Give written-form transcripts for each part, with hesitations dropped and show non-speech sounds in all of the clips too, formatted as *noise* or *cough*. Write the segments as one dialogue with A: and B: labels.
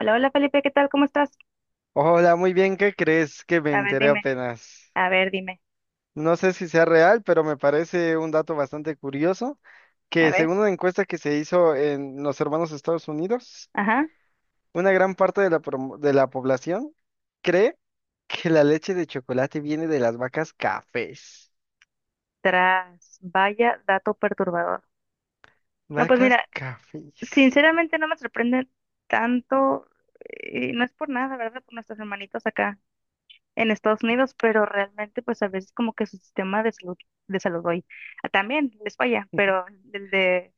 A: Hola, hola Felipe, ¿qué tal? ¿Cómo estás?
B: Hola, muy bien, ¿qué crees que me
A: A ver,
B: enteré
A: dime,
B: apenas?
A: a ver, dime,
B: No sé si sea real, pero me parece un dato bastante curioso
A: a
B: que
A: ver.
B: según una encuesta que se hizo en los hermanos Estados Unidos,
A: Ajá,
B: una gran parte de de la población cree que la leche de chocolate viene de las vacas cafés.
A: tras, vaya dato perturbador. No, pues
B: Vacas
A: mira,
B: cafés.
A: sinceramente no me sorprende tanto, y no es por nada, ¿verdad? Por nuestros hermanitos acá en Estados Unidos, pero realmente pues a veces como que su sistema de salud, hoy también les falla, pero
B: *laughs*
A: el de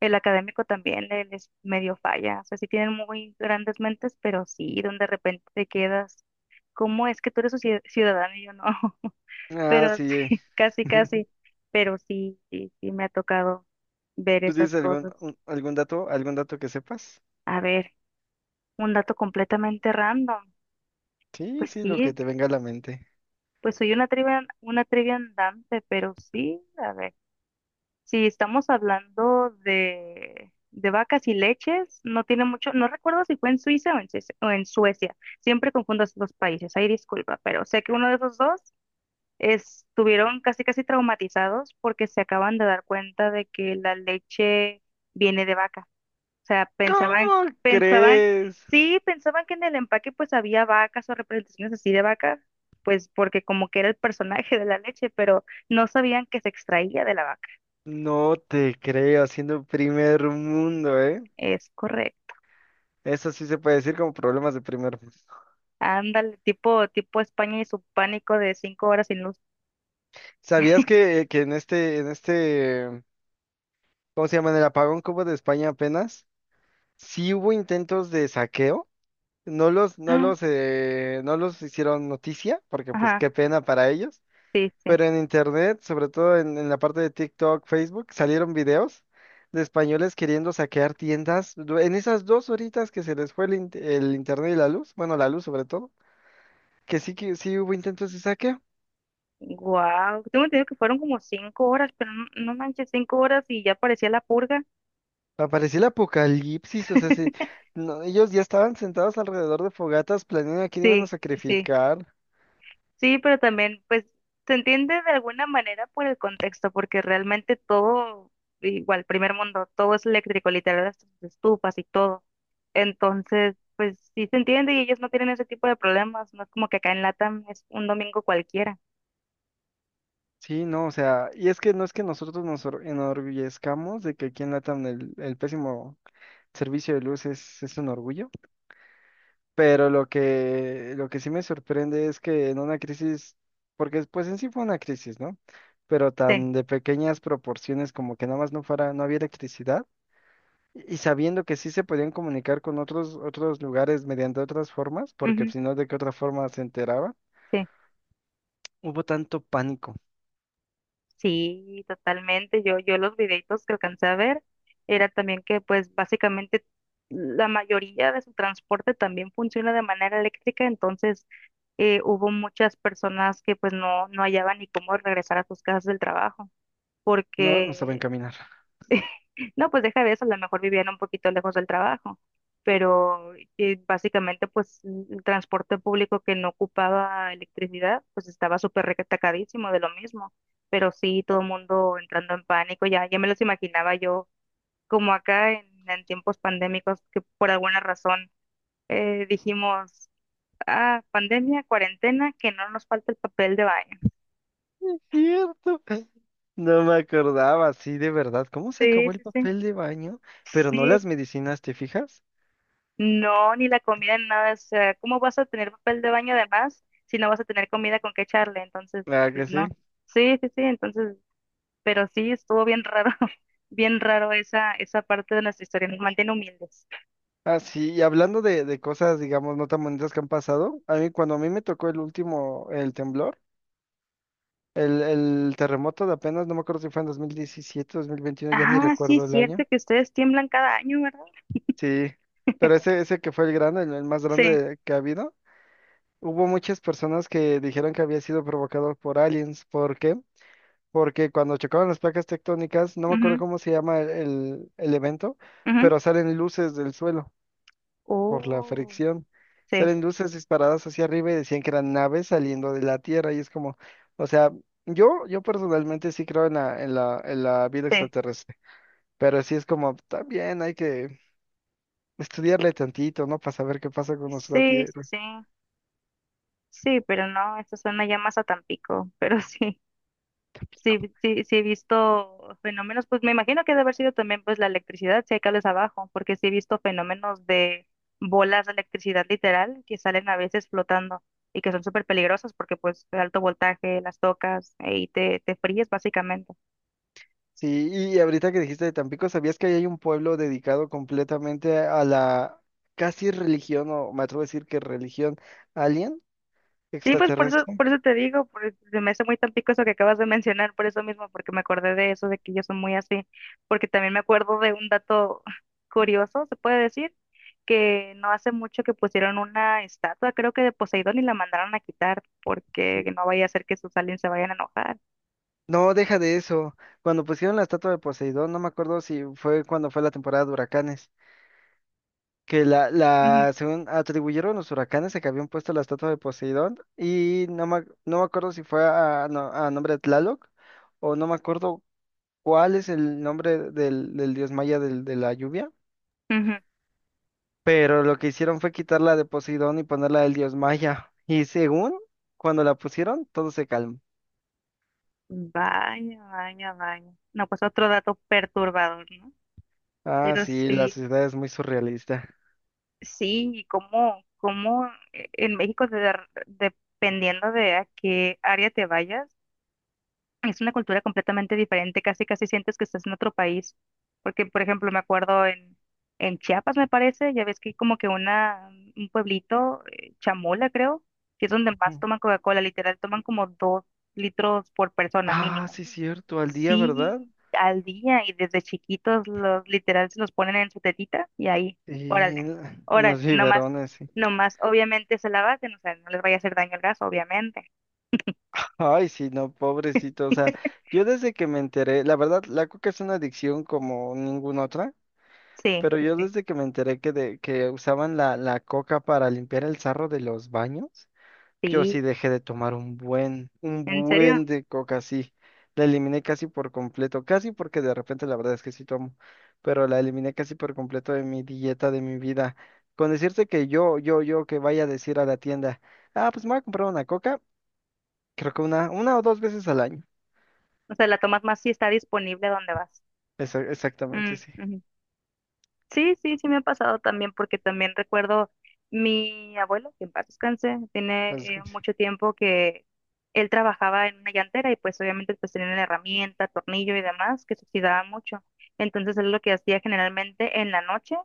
A: el académico también les medio falla. O sea, sí tienen muy grandes mentes, pero sí, donde de repente te quedas, ¿cómo es que tú eres su ciudadano y yo no?
B: Ah,
A: Pero
B: sí.
A: sí, *laughs* casi,
B: *laughs*
A: casi, pero sí, sí, sí me ha tocado ver
B: ¿Tú tienes
A: esas cosas.
B: algún dato que sepas?
A: A ver, un dato completamente random.
B: Sí,
A: Pues
B: sí, lo que
A: sí,
B: te venga a la mente.
A: pues soy una trivia andante, pero sí, a ver, si estamos hablando de vacas y leches, no tiene mucho, no recuerdo si fue en Suiza o en Suecia, siempre confundo esos dos países, ahí disculpa, pero sé que uno de esos dos estuvieron casi casi traumatizados porque se acaban de dar cuenta de que la leche viene de vaca. O sea, pensaban,
B: ¿Cómo
A: pensaban,
B: crees?
A: sí, pensaban que en el empaque pues había vacas o representaciones así de vaca, pues porque como que era el personaje de la leche, pero no sabían que se extraía de la vaca.
B: No te creo, siendo primer mundo, ¿eh?
A: Es correcto.
B: Eso sí se puede decir como problemas de primer mundo.
A: Ándale, tipo España y su pánico de 5 horas sin luz.
B: ¿Sabías
A: *laughs*
B: que, que en este, ¿cómo se llama? En el apagón que hubo de España apenas, sí hubo intentos de saqueo.
A: Ah,
B: No los hicieron noticia, porque pues
A: ajá,
B: qué pena para ellos.
A: sí, sí.
B: Pero en internet, sobre todo en la parte de TikTok, Facebook, salieron videos de españoles queriendo saquear en esas dos horitas que se les fue el internet y la luz, bueno, la luz sobre todo, que sí hubo intentos de saqueo.
A: Wow, tengo entendido que fueron como 5 horas, pero no, no manches, 5 horas y ya parecía la purga.
B: Apareció el apocalipsis, o sea,
A: *laughs*
B: no, ellos ya estaban sentados alrededor de fogatas planeando a quién iban a
A: Sí, sí, sí,
B: sacrificar.
A: sí, pero también, pues, se entiende de alguna manera por el contexto, porque realmente todo, igual, primer mundo, todo es eléctrico, literal, las estufas y todo. Entonces, pues, sí se entiende y ellos no tienen ese tipo de problemas, no es como que acá en Latam es un domingo cualquiera.
B: Sí, no, o sea, y es que no es que enorgullezcamos de que aquí en LATAM el pésimo servicio de luz es un orgullo, pero lo que sí me sorprende es que en una crisis, porque pues en sí fue una crisis, ¿no? Pero
A: Sí,
B: tan de pequeñas proporciones como que nada más no fuera, no había electricidad. Y sabiendo que sí se podían comunicar con otros, otros lugares mediante otras formas, porque
A: ujú,
B: si no, ¿de qué otra forma se enteraba?
A: sí.
B: Hubo tanto pánico.
A: Sí, totalmente. Yo los videitos que alcancé a ver era también que pues básicamente la mayoría de su transporte también funciona de manera eléctrica, entonces hubo muchas personas que pues no, no hallaban ni cómo regresar a sus casas del trabajo,
B: No, no saben
A: porque
B: caminar.
A: *laughs* no, pues deja de eso, a lo mejor vivían un poquito lejos del trabajo, pero básicamente pues el transporte público que no ocupaba electricidad, pues estaba súper recatacadísimo de lo mismo, pero sí todo el mundo entrando en pánico, ya, ya me los imaginaba yo como acá en tiempos pandémicos que por alguna razón dijimos, ah, pandemia, cuarentena, que no nos falta el papel de baño.
B: Es cierto. No me acordaba, sí, de verdad. ¿Cómo se
A: Sí,
B: acabó el
A: sí, sí.
B: papel de baño? Pero no
A: Sí,
B: las medicinas, ¿te fijas?
A: no, ni la comida, ni nada. O sea, ¿cómo vas a tener papel de baño además si no vas a tener comida con qué echarle? Entonces,
B: Claro
A: pues
B: que sí.
A: no. Sí, sí, sí, entonces, pero sí, estuvo bien raro, *laughs* bien raro esa parte de nuestra historia. Nos mantiene humildes.
B: Ah, sí, y hablando de cosas, digamos, no tan bonitas que han pasado, a mí cuando a mí me tocó el último, el temblor, el terremoto de apenas, no me acuerdo si fue en 2017, 2021, ya ni
A: Ah, sí,
B: recuerdo
A: es
B: el
A: cierto
B: año.
A: que ustedes tiemblan cada año, ¿verdad?
B: Sí, pero ese que fue el grande, el más
A: Sí.
B: grande que ha habido, hubo muchas personas que dijeron que había sido provocado por aliens. ¿Por qué? Porque cuando chocaban las placas tectónicas, no me acuerdo
A: Mhm,
B: cómo se llama el evento,
A: mhm.
B: pero salen luces del suelo por la
A: Oh,
B: fricción.
A: sí,
B: Salen luces disparadas hacia arriba y decían que eran naves saliendo de la Tierra. Y es como, o sea, yo personalmente sí creo en en la vida
A: sí,
B: extraterrestre, pero sí es como, también hay que estudiarle tantito, ¿no? Para saber qué pasa con nuestra
A: sí, sí,
B: tierra.
A: sí. Sí, pero no, esto suena ya más a Tampico, *laughs* pero sí. Sí, sí, sí he visto fenómenos, pues me imagino que debe haber sido también pues la electricidad, si hay cables abajo, porque sí he visto fenómenos de bolas de electricidad literal que salen a veces flotando y que son súper peligrosas porque pues de alto voltaje las tocas y te fríes básicamente.
B: Sí, y ahorita que dijiste de Tampico, ¿sabías que ahí hay un pueblo dedicado completamente a la casi religión, o me atrevo a decir que religión alien,
A: Sí, pues
B: extraterrestre?
A: por eso te digo, se me hace muy tan pico eso que acabas de mencionar, por eso mismo, porque me acordé de eso, de que ellos son muy así, porque también me acuerdo de un dato *laughs* curioso, se puede decir, que no hace mucho que pusieron una estatua, creo que de Poseidón, y la mandaron a quitar, porque
B: Sí.
A: no vaya a ser que sus aliens se vayan a enojar.
B: No, deja de eso. Cuando pusieron la estatua de Poseidón, no me acuerdo si fue cuando fue la temporada de huracanes, que
A: Ujú,
B: la, según atribuyeron los huracanes a que habían puesto la estatua de Poseidón, y no me acuerdo si fue a, no- a nombre de Tlaloc, o no me acuerdo cuál es el nombre del dios maya de la lluvia,
A: ujú.
B: pero lo que hicieron fue quitarla de Poseidón y ponerla del dios maya. Y según cuando la pusieron, todo se calmó.
A: Vaya, vaya, vaya. No, pues otro dato perturbador, ¿no?
B: Ah,
A: Pero
B: sí, la
A: sí.
B: sociedad es muy surrealista.
A: Sí, y cómo en México, dependiendo de a qué área te vayas, es una cultura completamente diferente, casi casi sientes que estás en otro país. Porque, por ejemplo, me acuerdo en Chiapas, me parece, ya ves que hay como que una, un pueblito, Chamola, creo, que es donde más
B: Ujú.
A: toman Coca-Cola, literal, toman como 2 litros por persona
B: Ah,
A: mínimo.
B: sí, cierto, al día, ¿verdad?
A: Sí, al día y desde chiquitos los literal se los ponen en su tetita y ahí,
B: Y
A: órale,
B: en, en los
A: órale, no más,
B: biberones, sí.
A: no más, obviamente se la baten, o sea, no les vaya a hacer daño el gas, obviamente.
B: Ay, sí, no, pobrecito. O sea,
A: *laughs*
B: yo desde que me enteré, la verdad, la coca es una adicción como ninguna otra,
A: Sí,
B: pero
A: sí,
B: yo
A: sí,
B: desde que me enteré que, de, que usaban la coca para limpiar el sarro de los baños. Yo sí
A: sí,
B: dejé de tomar un
A: ¿en serio?
B: buen de coca, sí. La eliminé casi por completo, casi porque de repente la verdad es que sí tomo, pero la eliminé casi por completo de mi dieta, de mi vida. Con decirte que yo que vaya a decir a la tienda, ah, pues me voy a comprar una coca, creo que una o dos veces al año.
A: O sea, la tomas más si está disponible donde vas.
B: Exactamente,
A: Mm,
B: sí.
A: ujú. Sí, sí, sí me ha pasado también, porque también recuerdo mi abuelo, que en paz descanse, tiene
B: Cosas como así.
A: mucho tiempo que él trabajaba en una llantera y pues obviamente pues tenía una herramienta, tornillo y demás que se oxidaba mucho. Entonces él lo que hacía generalmente en la noche,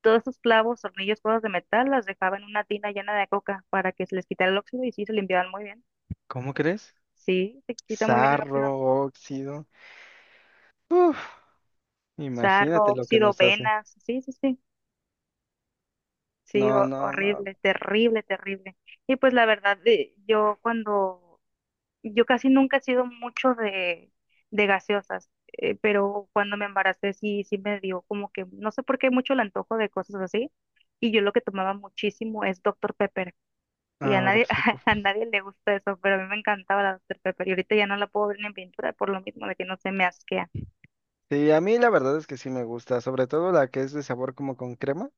A: todos esos clavos, tornillos, cosas de metal, las dejaba en una tina llena de coca para que se les quitara el óxido y sí, se limpiaban muy bien.
B: ¿Cómo crees?
A: Sí, se quita muy bien el óxido.
B: Sarro, óxido. Uf, imagínate
A: Sarro,
B: lo que
A: óxido,
B: nos hace.
A: venas, sí, sí, sí. Sí,
B: No, no, no.
A: horrible, terrible, terrible. Y pues la verdad, yo casi nunca he sido mucho de gaseosas, pero cuando me embaracé sí, sí me dio como que, no sé por qué mucho el antojo de cosas así. Y yo lo que tomaba muchísimo es Doctor Pepper. Y a
B: No, no,
A: nadie,
B: doctor.
A: *laughs* a nadie le gusta eso, pero a mí me encantaba la Doctor Pepper. Y ahorita ya no la puedo ver ni en pintura por lo mismo de que no se me asquea.
B: Sí, a mí la verdad es que sí me gusta, sobre todo la que es de sabor como con crema,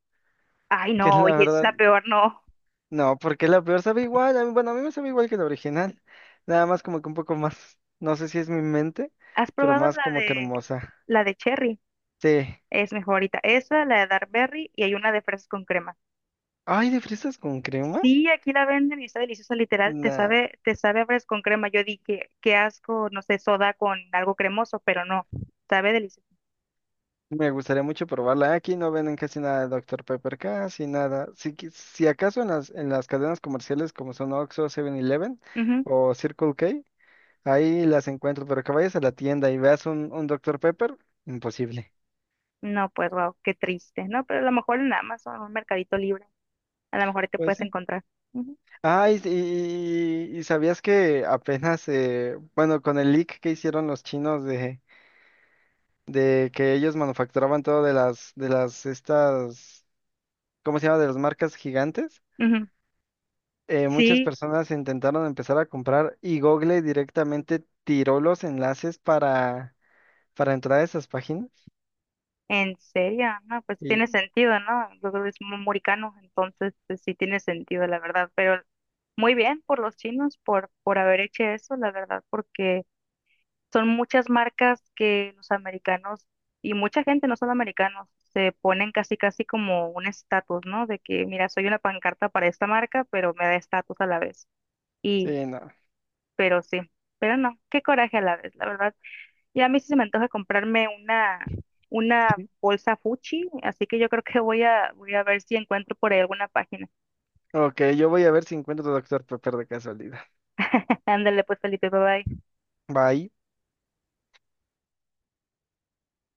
A: Ay,
B: *laughs* que
A: no,
B: la
A: oye, es
B: verdad,
A: la peor, no.
B: no, porque la peor sabe igual, bueno, a mí me sabe igual que la original, nada más como que un poco más, no sé si es mi mente,
A: ¿Has
B: pero
A: probado
B: más
A: la
B: como que
A: de,
B: hermosa.
A: la de Cherry?
B: Sí.
A: Es mi favorita. Esa, la de Dark Berry y hay una de fresas con crema.
B: Ay, ¿de fresas con crema?
A: Sí, aquí la venden y está deliciosa, literal. Te
B: Nah,
A: sabe, te sabe a fresas con crema. Yo di que qué asco, no sé, soda con algo cremoso, pero no, sabe delicioso.
B: me gustaría mucho probarla. Aquí no venden casi nada de Doctor Pepper, casi nada. Si, si acaso en las cadenas comerciales como son Oxxo, Seven eleven
A: Ujú.
B: o Circle K, ahí las encuentro, pero que vayas a la tienda y veas un doctor Pepper, imposible.
A: No, pues wow, qué triste, ¿no? Pero a lo mejor en Amazon, un mercadito libre, a lo mejor ahí te
B: Pues
A: puedes
B: sí.
A: encontrar. Ujú.
B: Ah,
A: Sí.
B: y sabías que apenas, bueno, con el leak que hicieron los chinos de que ellos manufacturaban todo de estas, ¿cómo se llama? De las marcas gigantes,
A: Ujú.
B: muchas
A: Sí,
B: personas intentaron empezar a comprar y Google directamente tiró los enlaces para entrar a esas páginas.
A: ¿en serio? No, pues
B: Y
A: tiene sentido, ¿no? Yo creo que es muricano, entonces pues, sí tiene sentido, la verdad. Pero muy bien por los chinos por haber hecho eso, la verdad, porque son muchas marcas que los americanos y mucha gente, no solo americanos, se ponen casi casi como un estatus, ¿no? De que, mira, soy una pancarta para esta marca, pero me da estatus a la vez. Y,
B: sí, no.
A: pero sí, pero no, qué coraje a la vez, la verdad. Ya a mí sí se me antoja comprarme una
B: *laughs*
A: bolsa Fuchi, así que yo creo que voy a ver si encuentro por ahí alguna página.
B: Ok, yo voy a ver si encuentro doctor Pepper de casualidad.
A: Ándale pues, Felipe, bye bye.
B: Bye.